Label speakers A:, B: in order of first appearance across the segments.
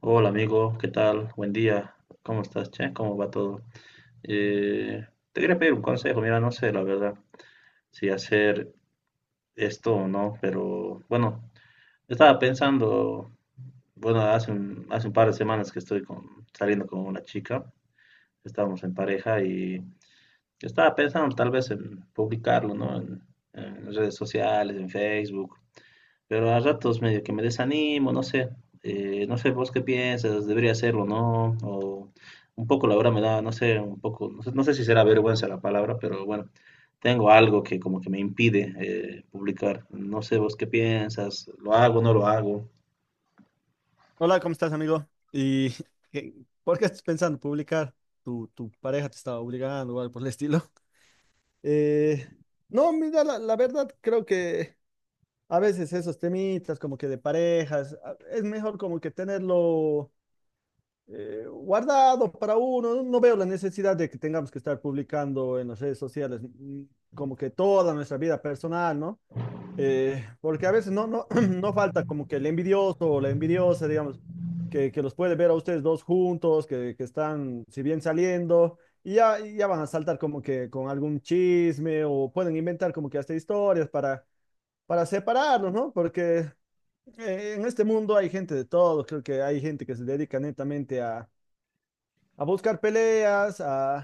A: Hola amigo, ¿qué tal? Buen día. ¿Cómo estás, che? ¿Cómo va todo? Te quería pedir un consejo. Mira, no sé la verdad si hacer esto o no, pero bueno, estaba pensando, bueno, hace un par de semanas que saliendo con una chica, estábamos en pareja y estaba pensando tal vez en publicarlo, ¿no? En redes sociales, en Facebook, pero a ratos medio que me desanimo, no sé, no sé vos qué piensas, debería hacerlo, ¿no? O un poco la verdad me da, no sé, un poco, no sé, no sé si será vergüenza la palabra, pero bueno, tengo algo que como que me impide publicar, no sé vos qué piensas, lo hago, no lo hago.
B: Hola, ¿cómo estás, amigo? ¿Y qué- por qué estás pensando publicar? ¿Tu pareja te estaba obligando o algo por el estilo? Eh, no, mira, la verdad creo que a veces esos temitas como que de parejas, a- es mejor como que tenerlo guardado para uno. No veo la necesidad de que tengamos que estar publicando en las redes sociales como que toda nuestra vida personal, ¿no? Porque a veces no falta como que el envidioso o la envidiosa, digamos, que los puede ver a ustedes dos juntos, que están, si bien saliendo, y ya van a saltar como que con algún chisme o pueden inventar como que hasta historias para separarlos, ¿no? Porque en este mundo hay gente de todo, creo que hay gente que se dedica netamente a buscar peleas,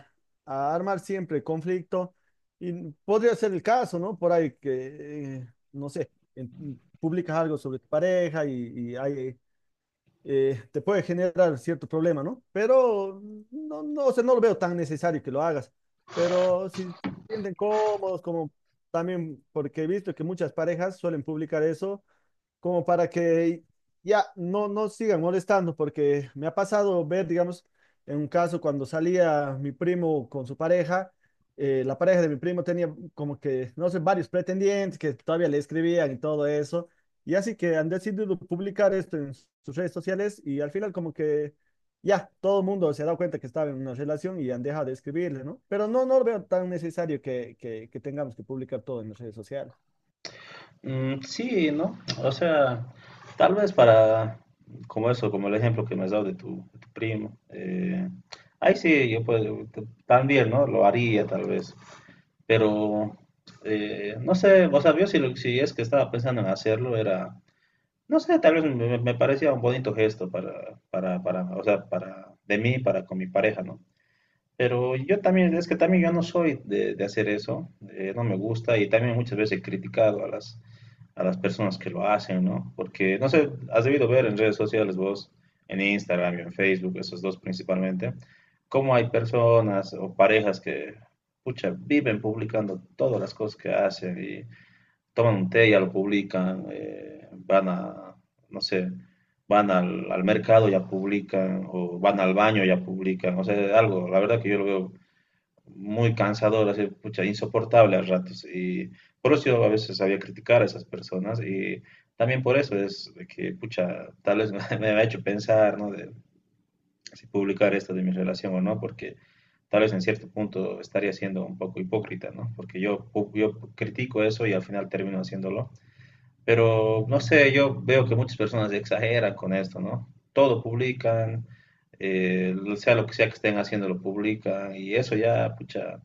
B: a armar siempre conflicto. Y podría ser el caso, ¿no? Por ahí que, no sé, publicas algo sobre tu pareja y ahí, te puede generar cierto problema, ¿no? Pero no, o sea, no lo veo tan necesario que lo hagas. Pero si se sienten cómodos, como también, porque he visto que muchas parejas suelen publicar eso como para que ya no sigan molestando, porque me ha pasado ver, digamos, en un caso cuando salía mi primo con su pareja, la pareja de mi primo tenía como que, no sé, varios pretendientes que todavía le escribían y todo eso, y así que han decidido publicar esto en sus redes sociales y al final como que ya todo el mundo se ha dado cuenta que estaba en una relación y han dejado de escribirle, ¿no? Pero no, no lo veo tan necesario que, que tengamos que publicar todo en las redes sociales.
A: Mm, sí, ¿no? O sea, tal vez para, como eso, como el ejemplo que me has dado de de tu primo, ahí sí, yo puedo, también, ¿no? Lo haría tal vez, pero no sé, o sea, yo si, si es que estaba pensando en hacerlo, era, no sé, tal vez me parecía un bonito gesto para, o sea, para, de mí, para con mi pareja, ¿no? Pero yo también, es que también yo no soy de hacer eso, no me gusta y también muchas veces he criticado a a las personas que lo hacen, ¿no? Porque, no sé, has debido ver en redes sociales vos, en Instagram y en Facebook, esos dos principalmente, cómo hay personas o parejas que, pucha, viven publicando todas las cosas que hacen y toman un té y ya lo publican, van a, no sé, van al mercado y ya publican, o van al baño y ya publican, o sea, algo, la verdad que yo lo veo muy cansador, así, pucha, insoportable a ratos. Y por eso yo a veces sabía criticar a esas personas y también por eso es de que, pucha, tal vez me, ha hecho pensar, ¿no? De si publicar esto de mi relación o no, porque tal vez en cierto punto estaría siendo un poco hipócrita, ¿no? Porque yo, yo critico eso y al final termino haciéndolo. Pero no sé, yo veo que muchas personas exageran con esto, ¿no? Todo publican, sea lo que sea que estén haciendo lo publican y eso ya, pucha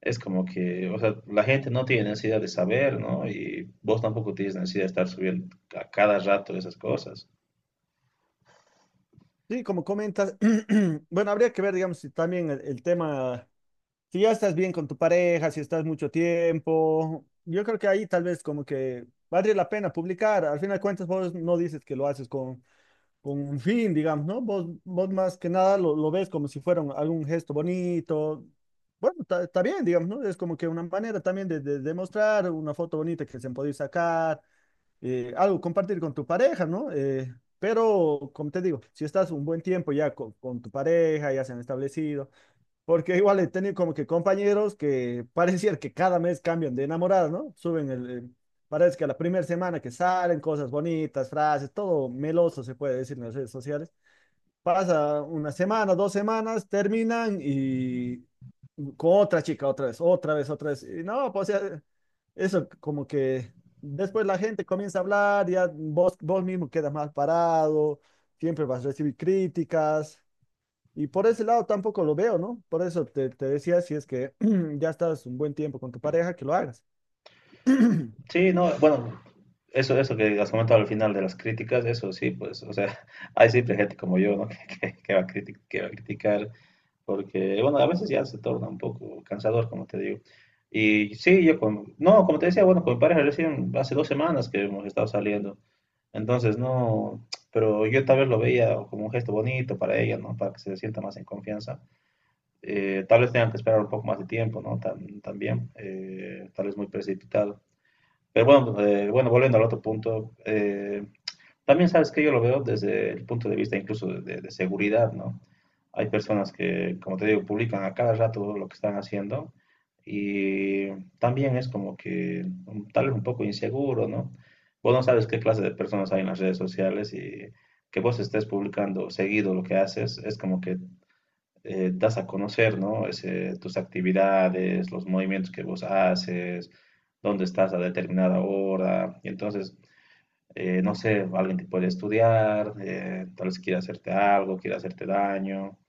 A: es como que, o sea, la gente no tiene necesidad de saber, ¿no? Y vos tampoco tienes necesidad de estar subiendo a cada rato esas cosas.
B: Sí, como comentas, bueno, habría que ver, digamos, si también el tema, si ya estás bien con tu pareja, si estás mucho tiempo, yo creo que ahí tal vez como que vale la pena publicar, al final de cuentas vos no dices que lo haces con un fin, digamos, ¿no? Vos, vos más que nada lo, lo ves como si fuera un- algún gesto bonito, bueno, está bien, digamos, ¿no? Es como que una manera también de, de mostrar una foto bonita que se han podido sacar algo compartir con tu pareja, ¿no? Pero, como te digo, si estás un buen tiempo ya co- con, tu pareja, ya se han establecido, porque igual he tenido como que compañeros que pareciera que cada mes cambian de enamorada, ¿no? Suben el- parece que a la primera semana que salen cosas bonitas, frases, todo meloso se puede decir en las redes sociales. Pasa una semana, dos semanas, terminan y con otra chica, otra vez, otra vez, otra vez. Y no, pues o sea, eso como que después la gente comienza a hablar, ya vos, vos mismo quedas mal parado, siempre vas a recibir críticas. Y por ese lado tampoco lo veo, ¿no? Por eso te, te decía, si es que ya estás un buen tiempo con tu pareja, que lo hagas.
A: Sí, no, bueno, eso que has comentado al final de las críticas, eso sí, pues, o sea, hay siempre gente como yo, ¿no? Que va a que va a criticar, porque, bueno, a veces ya se torna un poco cansador, como te digo. Y sí, yo, con, no, como te decía, bueno, con mi pareja recién hace dos semanas que hemos estado saliendo. Entonces, no, pero yo tal vez lo veía como un gesto bonito para ella, ¿no? Para que se sienta más en confianza. Tal vez tengan que esperar un poco más de tiempo, ¿no? También, tal vez muy precipitado. Pero bueno, bueno, volviendo al otro punto, también sabes que yo lo veo desde el punto de vista incluso de, de seguridad, ¿no? Hay personas que, como te digo, publican a cada rato lo que están haciendo y también es como que tal vez un poco inseguro, ¿no? Vos no sabes qué clase de personas hay en las redes sociales y que vos estés publicando seguido lo que haces es como que das a conocer, ¿no? Tus actividades, los movimientos que vos haces, dónde estás a determinada hora y entonces no sé, alguien te puede estudiar, tal vez quiera hacerte algo, quiera hacerte daño.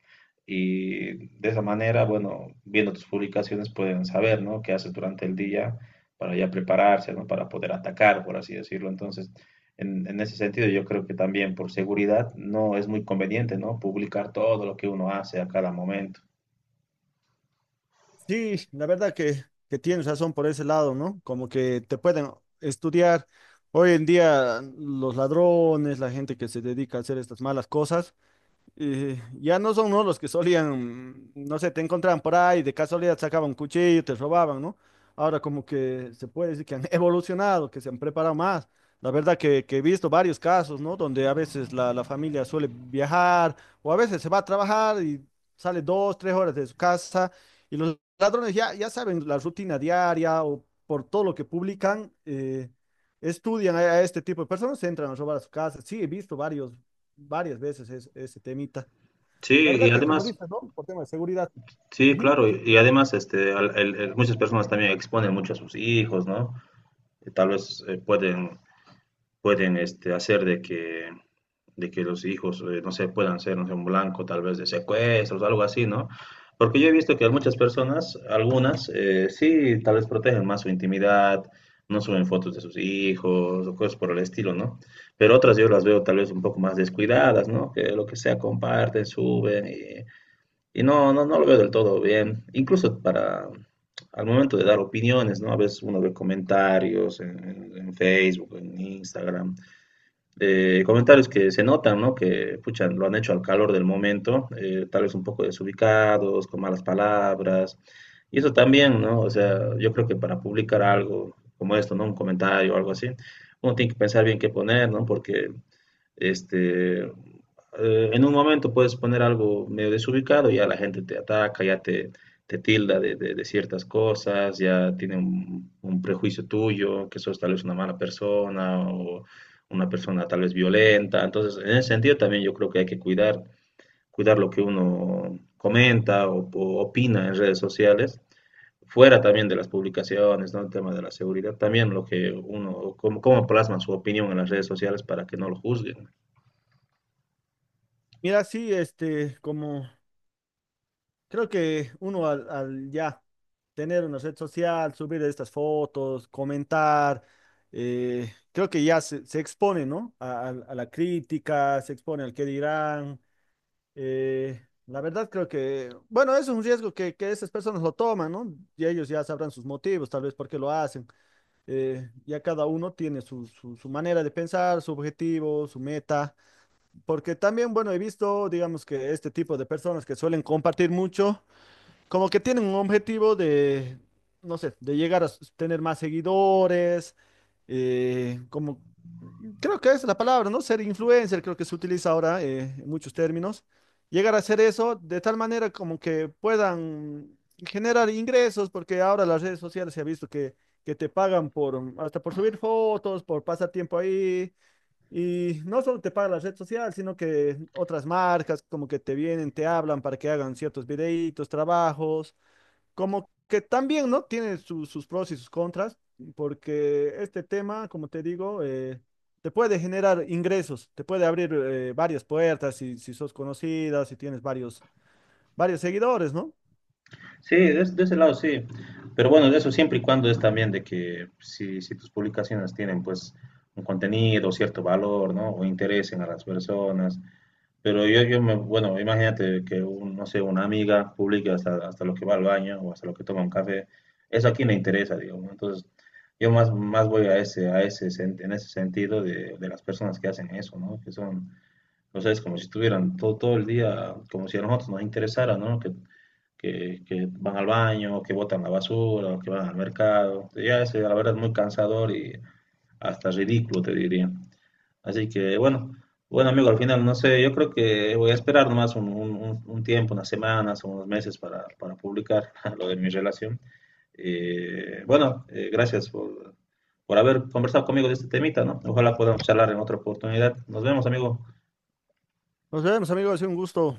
A: Y de esa manera, bueno, viendo tus publicaciones pueden saber, ¿no? Qué haces durante el día para ya prepararse, ¿no? Para poder atacar, por así decirlo. Entonces, en ese sentido, yo creo que también por seguridad no es muy conveniente, ¿no? Publicar todo lo que uno hace a cada momento.
B: Sí, la verdad que tienes razón por ese lado, ¿no? Como que te pueden estudiar. Hoy en día los ladrones, la gente que se dedica a hacer estas malas cosas ya no son ¿no? los que solían, no sé, te encontraban por ahí, de casualidad sacaban un cuchillo, te robaban, ¿no? Ahora como que se puede decir que han evolucionado, que se han preparado más. La verdad que he visto varios casos, ¿no? Donde a veces la familia suele viajar o a veces se va a trabajar y sale dos, tres horas de su casa y los ladrones ya, ya saben la rutina diaria o por todo lo que publican, estudian a este tipo de personas, entran a robar a su casa. Sí, he visto varios, varias veces es- ese temita.
A: Sí,
B: La
A: y
B: verdad que como
A: además,
B: dices, ¿no? Por tema de seguridad.
A: sí,
B: Ujú,
A: claro,
B: sí.
A: y además este, muchas personas también exponen mucho a sus hijos, ¿no? Y tal vez pueden este, hacer de que los hijos, no sé, puedan ser no sé, un blanco tal vez de secuestros, algo así, ¿no? Porque yo he visto que muchas personas, algunas, sí, tal vez protegen más su intimidad, no suben fotos de sus hijos o cosas por el estilo, ¿no? Pero otras yo las veo tal vez un poco más descuidadas, ¿no? Que lo que sea comparten, suben y no, no, no lo veo del todo bien. Incluso para, al momento de dar opiniones, ¿no? A veces uno ve comentarios en, en Facebook, en Instagram, comentarios que se notan, ¿no? Que, pucha, lo han hecho al calor del momento, tal vez un poco desubicados, con malas palabras, y eso también, ¿no? O sea, yo creo que para publicar algo como esto, ¿no? Un comentario o algo así, uno tiene que pensar bien qué poner, ¿no? Porque este, en un momento puedes poner algo medio desubicado y ya la gente te ataca, ya te tilda de, de ciertas cosas, ya tiene un prejuicio tuyo, que sos tal vez una mala persona o una persona tal vez violenta. Entonces, en ese sentido también yo creo que hay que cuidar, cuidar lo que uno comenta o opina en redes sociales, fuera también de las publicaciones, ¿no? El tema de la seguridad, también lo que uno, cómo, cómo plasman su opinión en las redes sociales para que no lo juzguen.
B: Mira, sí, este, como creo que uno al, al ya tener una red social, subir estas fotos, comentar, creo que ya se expone, ¿no? A la crítica, se expone al qué dirán. eh, la verdad creo que, bueno, eso es un riesgo que esas personas lo toman, ¿no? Y ellos ya sabrán sus motivos, tal vez por qué lo hacen. Ya cada uno tiene su, su manera de pensar, su objetivo, su meta, porque también, bueno, he visto, digamos que este tipo de personas que suelen compartir mucho, como que tienen un objetivo de, no sé, de llegar a s- tener más seguidores, como, creo que es la palabra, ¿no? Ser influencer, creo que se utiliza ahora en muchos términos. Llegar a hacer eso de tal manera como que puedan generar ingresos, porque ahora las redes sociales se ha visto que te pagan por, hasta por subir fotos, por pasar tiempo ahí. Y no solo te paga la red social, sino que otras marcas como que te vienen, te hablan para que hagan ciertos videitos, trabajos, como que también, ¿no? Tiene su- sus pros y sus contras, porque este tema, como te digo, te puede generar ingresos, te puede abrir varias puertas si, si sos conocida, si tienes varios, varios seguidores, ¿no?
A: Sí, de, de ese lado sí. Pero bueno, eso siempre y cuando es también de que si, si tus publicaciones tienen pues un contenido, cierto valor, ¿no? O interesen a las personas. Pero yo me, bueno, imagínate que, no sé, una amiga publique hasta, hasta lo que va al baño o hasta lo que toma un café. Eso a quién le interesa, digamos, ¿no? Entonces, yo más, más voy a ese, en ese sentido de las personas que hacen eso, ¿no? Que son o sea, es como si estuvieran todo, todo el día, como si a nosotros nos interesara, ¿no? Que, que van al baño, que botan la basura, o que van al mercado. Ya es, la verdad, muy cansador y hasta ridículo, te diría. Así que, bueno, bueno, amigo, al final, no sé, yo creo que voy a esperar nomás un, un tiempo, unas semanas o unos meses para publicar lo de mi relación. Bueno, gracias por haber conversado conmigo de este temita, ¿no? Ojalá podamos charlar en otra oportunidad. Nos vemos, amigo.
B: Nos vemos, amigos, ha sido un gusto.